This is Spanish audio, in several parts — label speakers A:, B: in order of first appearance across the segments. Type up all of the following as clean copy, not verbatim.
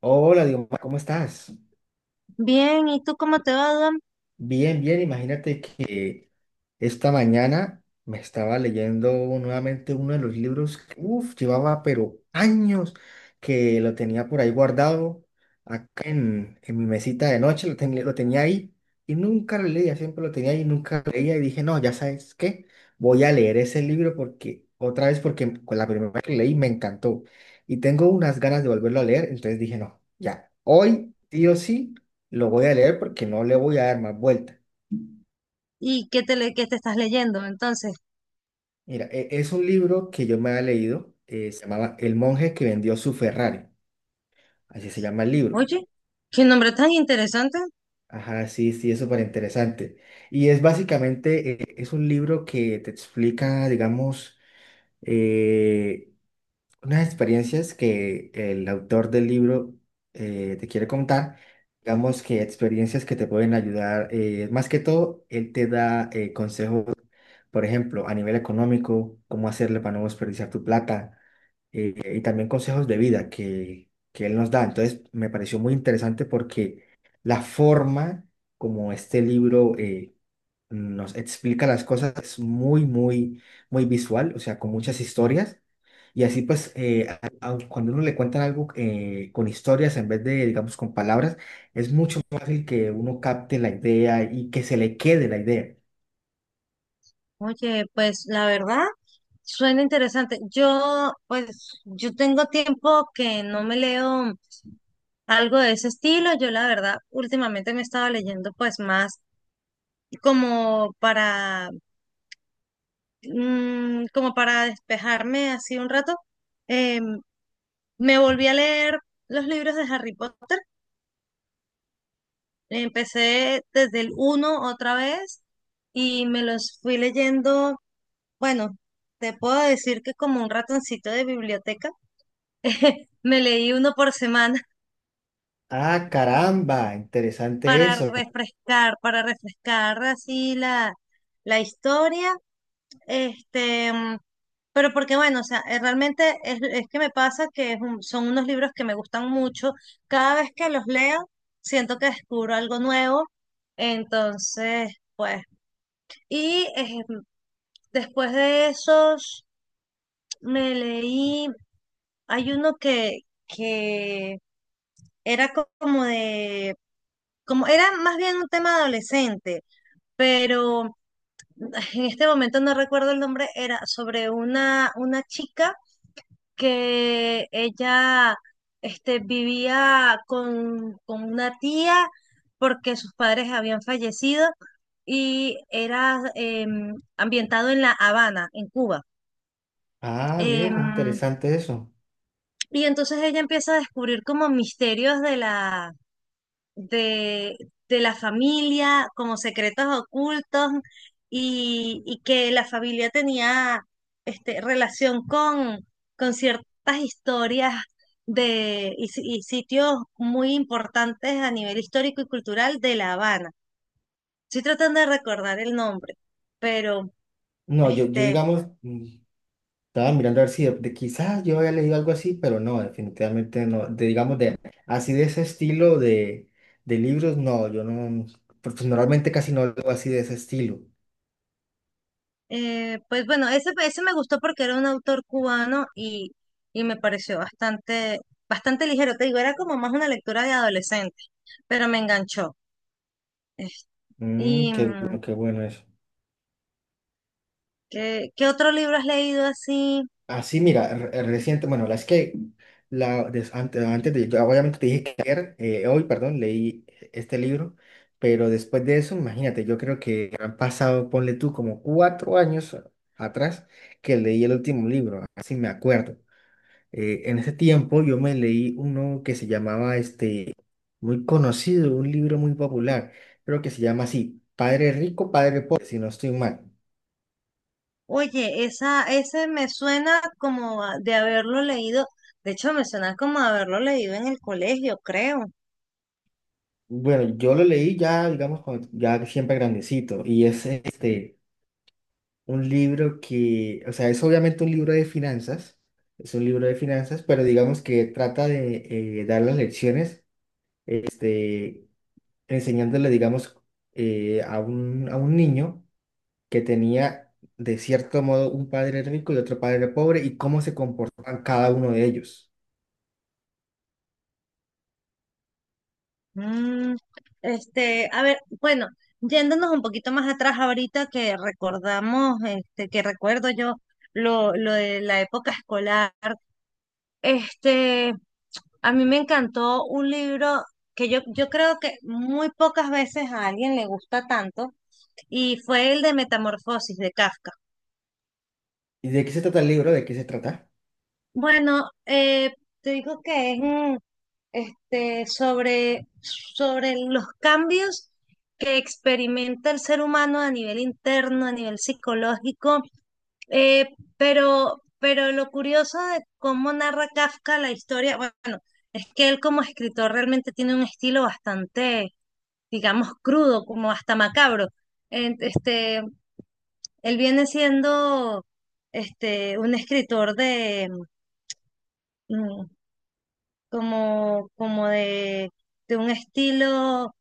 A: Hola, digo, "Ma, ¿cómo estás?"
B: Bien, ¿y tú cómo te va, Adam?
A: Bien, bien, imagínate que esta mañana me estaba leyendo nuevamente uno de los libros que, uf, llevaba pero años que lo tenía por ahí guardado, acá en mi mesita de noche, lo tenía ahí y nunca lo leía, siempre lo tenía ahí y nunca lo leía y dije, no, ya sabes qué, voy a leer ese libro porque con la primera vez que lo leí me encantó y tengo unas ganas de volverlo a leer, entonces dije, no, ya, hoy, sí o sí. Lo voy a leer porque no le voy a dar más vuelta.
B: ¿Y qué qué te estás leyendo? Entonces,
A: Mira, es un libro que yo me había leído, se llamaba El monje que vendió su Ferrari, así se llama el libro.
B: oye, qué nombre tan interesante.
A: Ajá, sí, sí, es súper interesante. Y es básicamente, es un libro que te explica, digamos, eh, unas experiencias que el autor del libro te quiere contar, digamos que experiencias que te pueden ayudar, más que todo, él te da consejos por ejemplo, a nivel económico, cómo hacerle para no desperdiciar tu plata, y también consejos de vida que él nos da. Entonces, me pareció muy interesante porque la forma como este libro nos explica las cosas es muy, muy, muy visual, o sea, con muchas historias. Y así pues, aun cuando uno le cuentan algo con historias en vez de, digamos, con palabras, es mucho más fácil que uno capte la idea y que se le quede la idea.
B: Oye, pues la verdad, suena interesante. Yo, pues, yo tengo tiempo que no me leo algo de ese estilo. Yo, la verdad, últimamente me estaba leyendo, pues, más como para, como para despejarme así un rato. Eh, me volví a leer los libros de Harry Potter. Empecé desde el uno otra vez y me los fui leyendo, bueno, te puedo decir que como un ratoncito de biblioteca, me leí uno por semana
A: Ah, caramba, interesante eso.
B: para refrescar así la, la historia, este, pero porque bueno, o sea, realmente es que me pasa que son unos libros que me gustan mucho, cada vez que los leo siento que descubro algo nuevo, entonces, pues, y después de esos me leí... Hay uno que era como de, como era más bien un tema adolescente, pero ay, en este momento no recuerdo el nombre, era sobre una chica que ella este, vivía con una tía porque sus padres habían fallecido y era ambientado en La Habana, en Cuba.
A: Ah, bien,
B: Em,
A: interesante eso.
B: y entonces ella empieza a descubrir como misterios de, de la familia como secretos ocultos y que la familia tenía este, relación con ciertas historias de, y, si- y sitios muy importantes a nivel histórico y cultural de La Habana. Estoy tratando de recordar el nombre, pero
A: No, yo
B: este,
A: digamos, estaba mirando a ver si de quizás yo había leído algo así, pero no, definitivamente no. De, digamos, de así de ese estilo de libros, no, yo no, pues, normalmente casi no leo así de ese estilo.
B: Pues bueno, ese me gustó porque era un autor cubano y me pareció bastante, bastante ligero. Te digo, era como más una lectura de adolescente, pero me enganchó. Es-
A: Mm,
B: ¿Y
A: qué bueno eso.
B: qué, qué otro libro has leído así?
A: Así, mira, reciente, bueno, la es que la, des- ante- antes, de, yo obviamente te dije que ayer, hoy, perdón, leí este libro, pero después de eso, imagínate, yo creo que han pasado, ponle tú, como 4 años atrás que leí el último libro, así me acuerdo. En ese tiempo yo me leí uno que se llamaba, este, muy conocido, un libro muy popular, creo que se llama así, Padre Rico, Padre Pobre, si no estoy mal.
B: Oye, esa, ese me suena de haberlo leído. De hecho, me suena como a haberlo leído en el colegio, creo.
A: Bueno, yo lo leí ya, digamos, ya siempre grandecito, y es este, un libro que, o sea, es obviamente un libro de finanzas, es un libro de finanzas, pero digamos que trata de dar las lecciones, este, enseñándole, digamos, a un niño que tenía, de cierto modo, un padre rico y otro padre pobre, y cómo se comportaban cada uno de ellos.
B: Mm, este, a ver, bueno, yéndonos un poquito más atrás ahorita que recordamos, este, que recuerdo yo lo de la época escolar, este, a mí me encantó un libro que yo creo que muy pocas veces a alguien le gusta tanto, y fue el de Metamorfosis de Kafka.
A: ¿Y de qué se trata el libro? ¿De qué se trata?
B: Bueno, te digo que es, este, sobre, sobre los cambios que experimenta el ser humano a nivel interno, a nivel psicológico, eh, pero lo curioso de cómo narra Kafka la historia, bueno, es que él como escritor realmente tiene un estilo bastante, digamos, crudo, como hasta macabro. Este, él viene siendo este, un escritor de mm, como, como de un estilo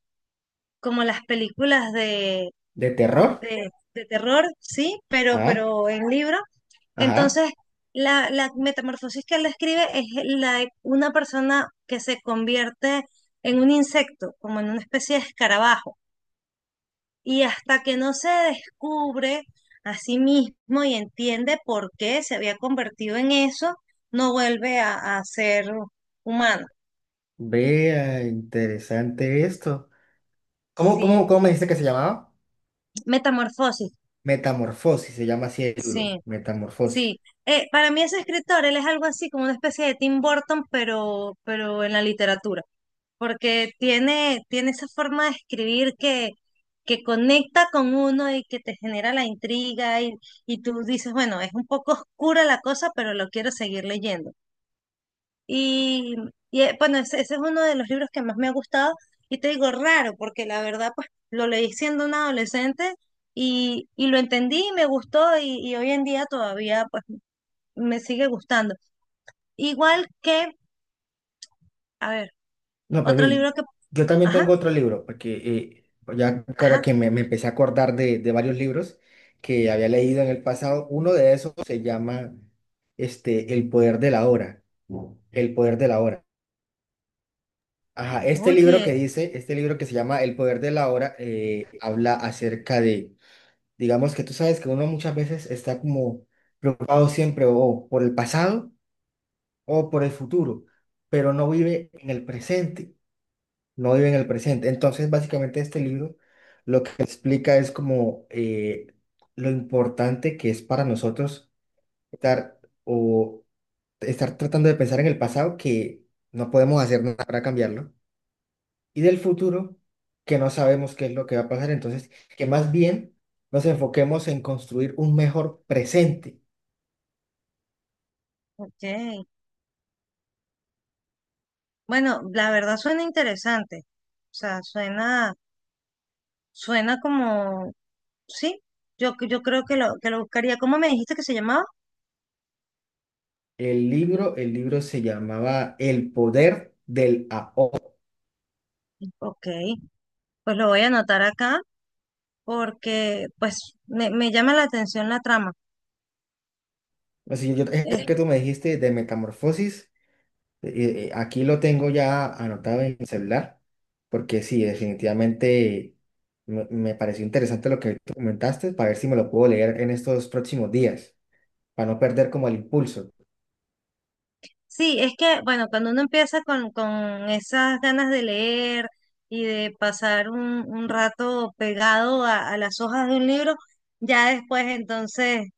B: como las películas de,
A: ¿De terror?
B: de terror, sí,
A: Ajá,
B: pero en libro.
A: ajá.
B: Entonces, la metamorfosis que él describe es la de una persona que se convierte en un insecto, como en una especie de escarabajo. Y hasta que no se descubre a sí mismo y entiende por qué se había convertido en eso, no vuelve a ser humano.
A: Vea, interesante esto. ¿Cómo,
B: Sí,
A: cómo, cómo me dice que se llamaba?
B: metamorfosis,
A: Metamorfosis, se llama así el libro,
B: sí.
A: Metamorfosis.
B: Sí, para mí ese escritor, él es algo así como una especie de Tim Burton, pero en la literatura, porque tiene, tiene esa forma de escribir que conecta con uno y que te genera la intriga y tú dices, bueno, es un poco oscura la cosa, pero lo quiero seguir leyendo. Y, bueno, ese es uno de los libros que más me ha gustado y te digo raro, porque la verdad, pues lo leí siendo una adolescente y lo entendí y me gustó y hoy en día todavía, pues me sigue gustando. Igual que, a ver,
A: No, pero
B: otro
A: ve,
B: libro que,
A: yo también
B: ajá,
A: tengo otro libro, porque ya ahora
B: ajá,
A: que me empecé a acordar de varios libros que había leído en el pasado, uno de esos se llama este, El poder de la hora. El poder de la hora. Ajá, este libro
B: oye,
A: que dice, este libro que se llama El poder de la hora, habla acerca de. Digamos que tú sabes que uno muchas veces está como preocupado siempre o por el pasado o por el futuro, pero no vive en el presente, no vive en el presente. Entonces, básicamente este libro lo que explica es como lo importante que es para nosotros estar o estar tratando de pensar en el pasado que no podemos hacer nada para cambiarlo y del futuro, que no sabemos qué es lo que va a pasar. Entonces, que más bien nos enfoquemos en construir un mejor presente.
B: ok. Bueno, la verdad suena interesante. O sea, suena, suena como, sí, yo creo que lo buscaría. ¿Cómo me dijiste que se llamaba?
A: El libro se llamaba El poder del ahora.
B: Ok, pues lo voy a anotar acá porque pues me llama la atención la trama.
A: Así yo, que tú me dijiste de metamorfosis, aquí lo tengo ya anotado en mi celular, porque sí, definitivamente me pareció interesante lo que tú comentaste, para ver si me lo puedo leer en estos próximos días, para no perder como el impulso.
B: Sí, es que, bueno, cuando uno empieza con esas ganas de leer y de pasar un rato pegado a las hojas de un libro, ya después entonces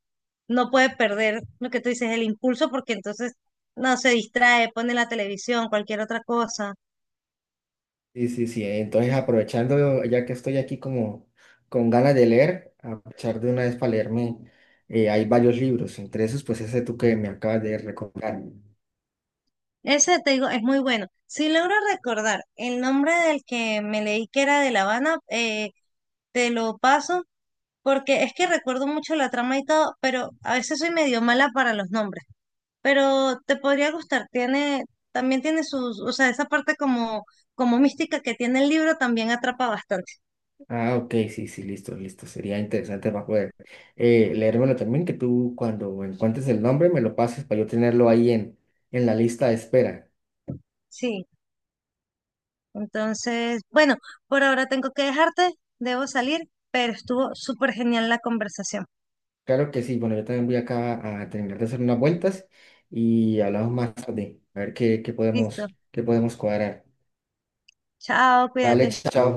B: no puede perder lo que tú dices, el impulso, porque entonces no se distrae, pone la televisión, cualquier otra cosa.
A: Sí, sí, sí. Entonces, aprovechando, ya que estoy aquí como con ganas de leer, aprovechar de una vez para leerme. Hay varios libros, entre esos, pues ese tú que me acabas de recomendar.
B: Ese, te digo, es muy bueno. Si logro recordar el nombre del que me leí que era de La Habana, te lo paso, porque es que recuerdo mucho la trama y todo, pero a veces soy medio mala para los nombres. Pero te podría gustar. Tiene, también tiene sus, o sea, esa parte como, como mística que tiene el libro también atrapa bastante.
A: Ah, ok, sí, sí, listo, listo. Sería interesante para poder leérmelo también, que tú cuando encuentres el nombre me lo pases para yo tenerlo ahí en, la lista de espera.
B: Sí, entonces, bueno, por ahora tengo que dejarte, debo salir, pero estuvo súper genial la conversación.
A: Claro que sí, bueno, yo también voy acá a terminar de hacer unas vueltas y hablamos más tarde, a ver qué, qué
B: Listo,
A: podemos, qué podemos cuadrar.
B: chao,
A: Vale,
B: cuídate.
A: chao.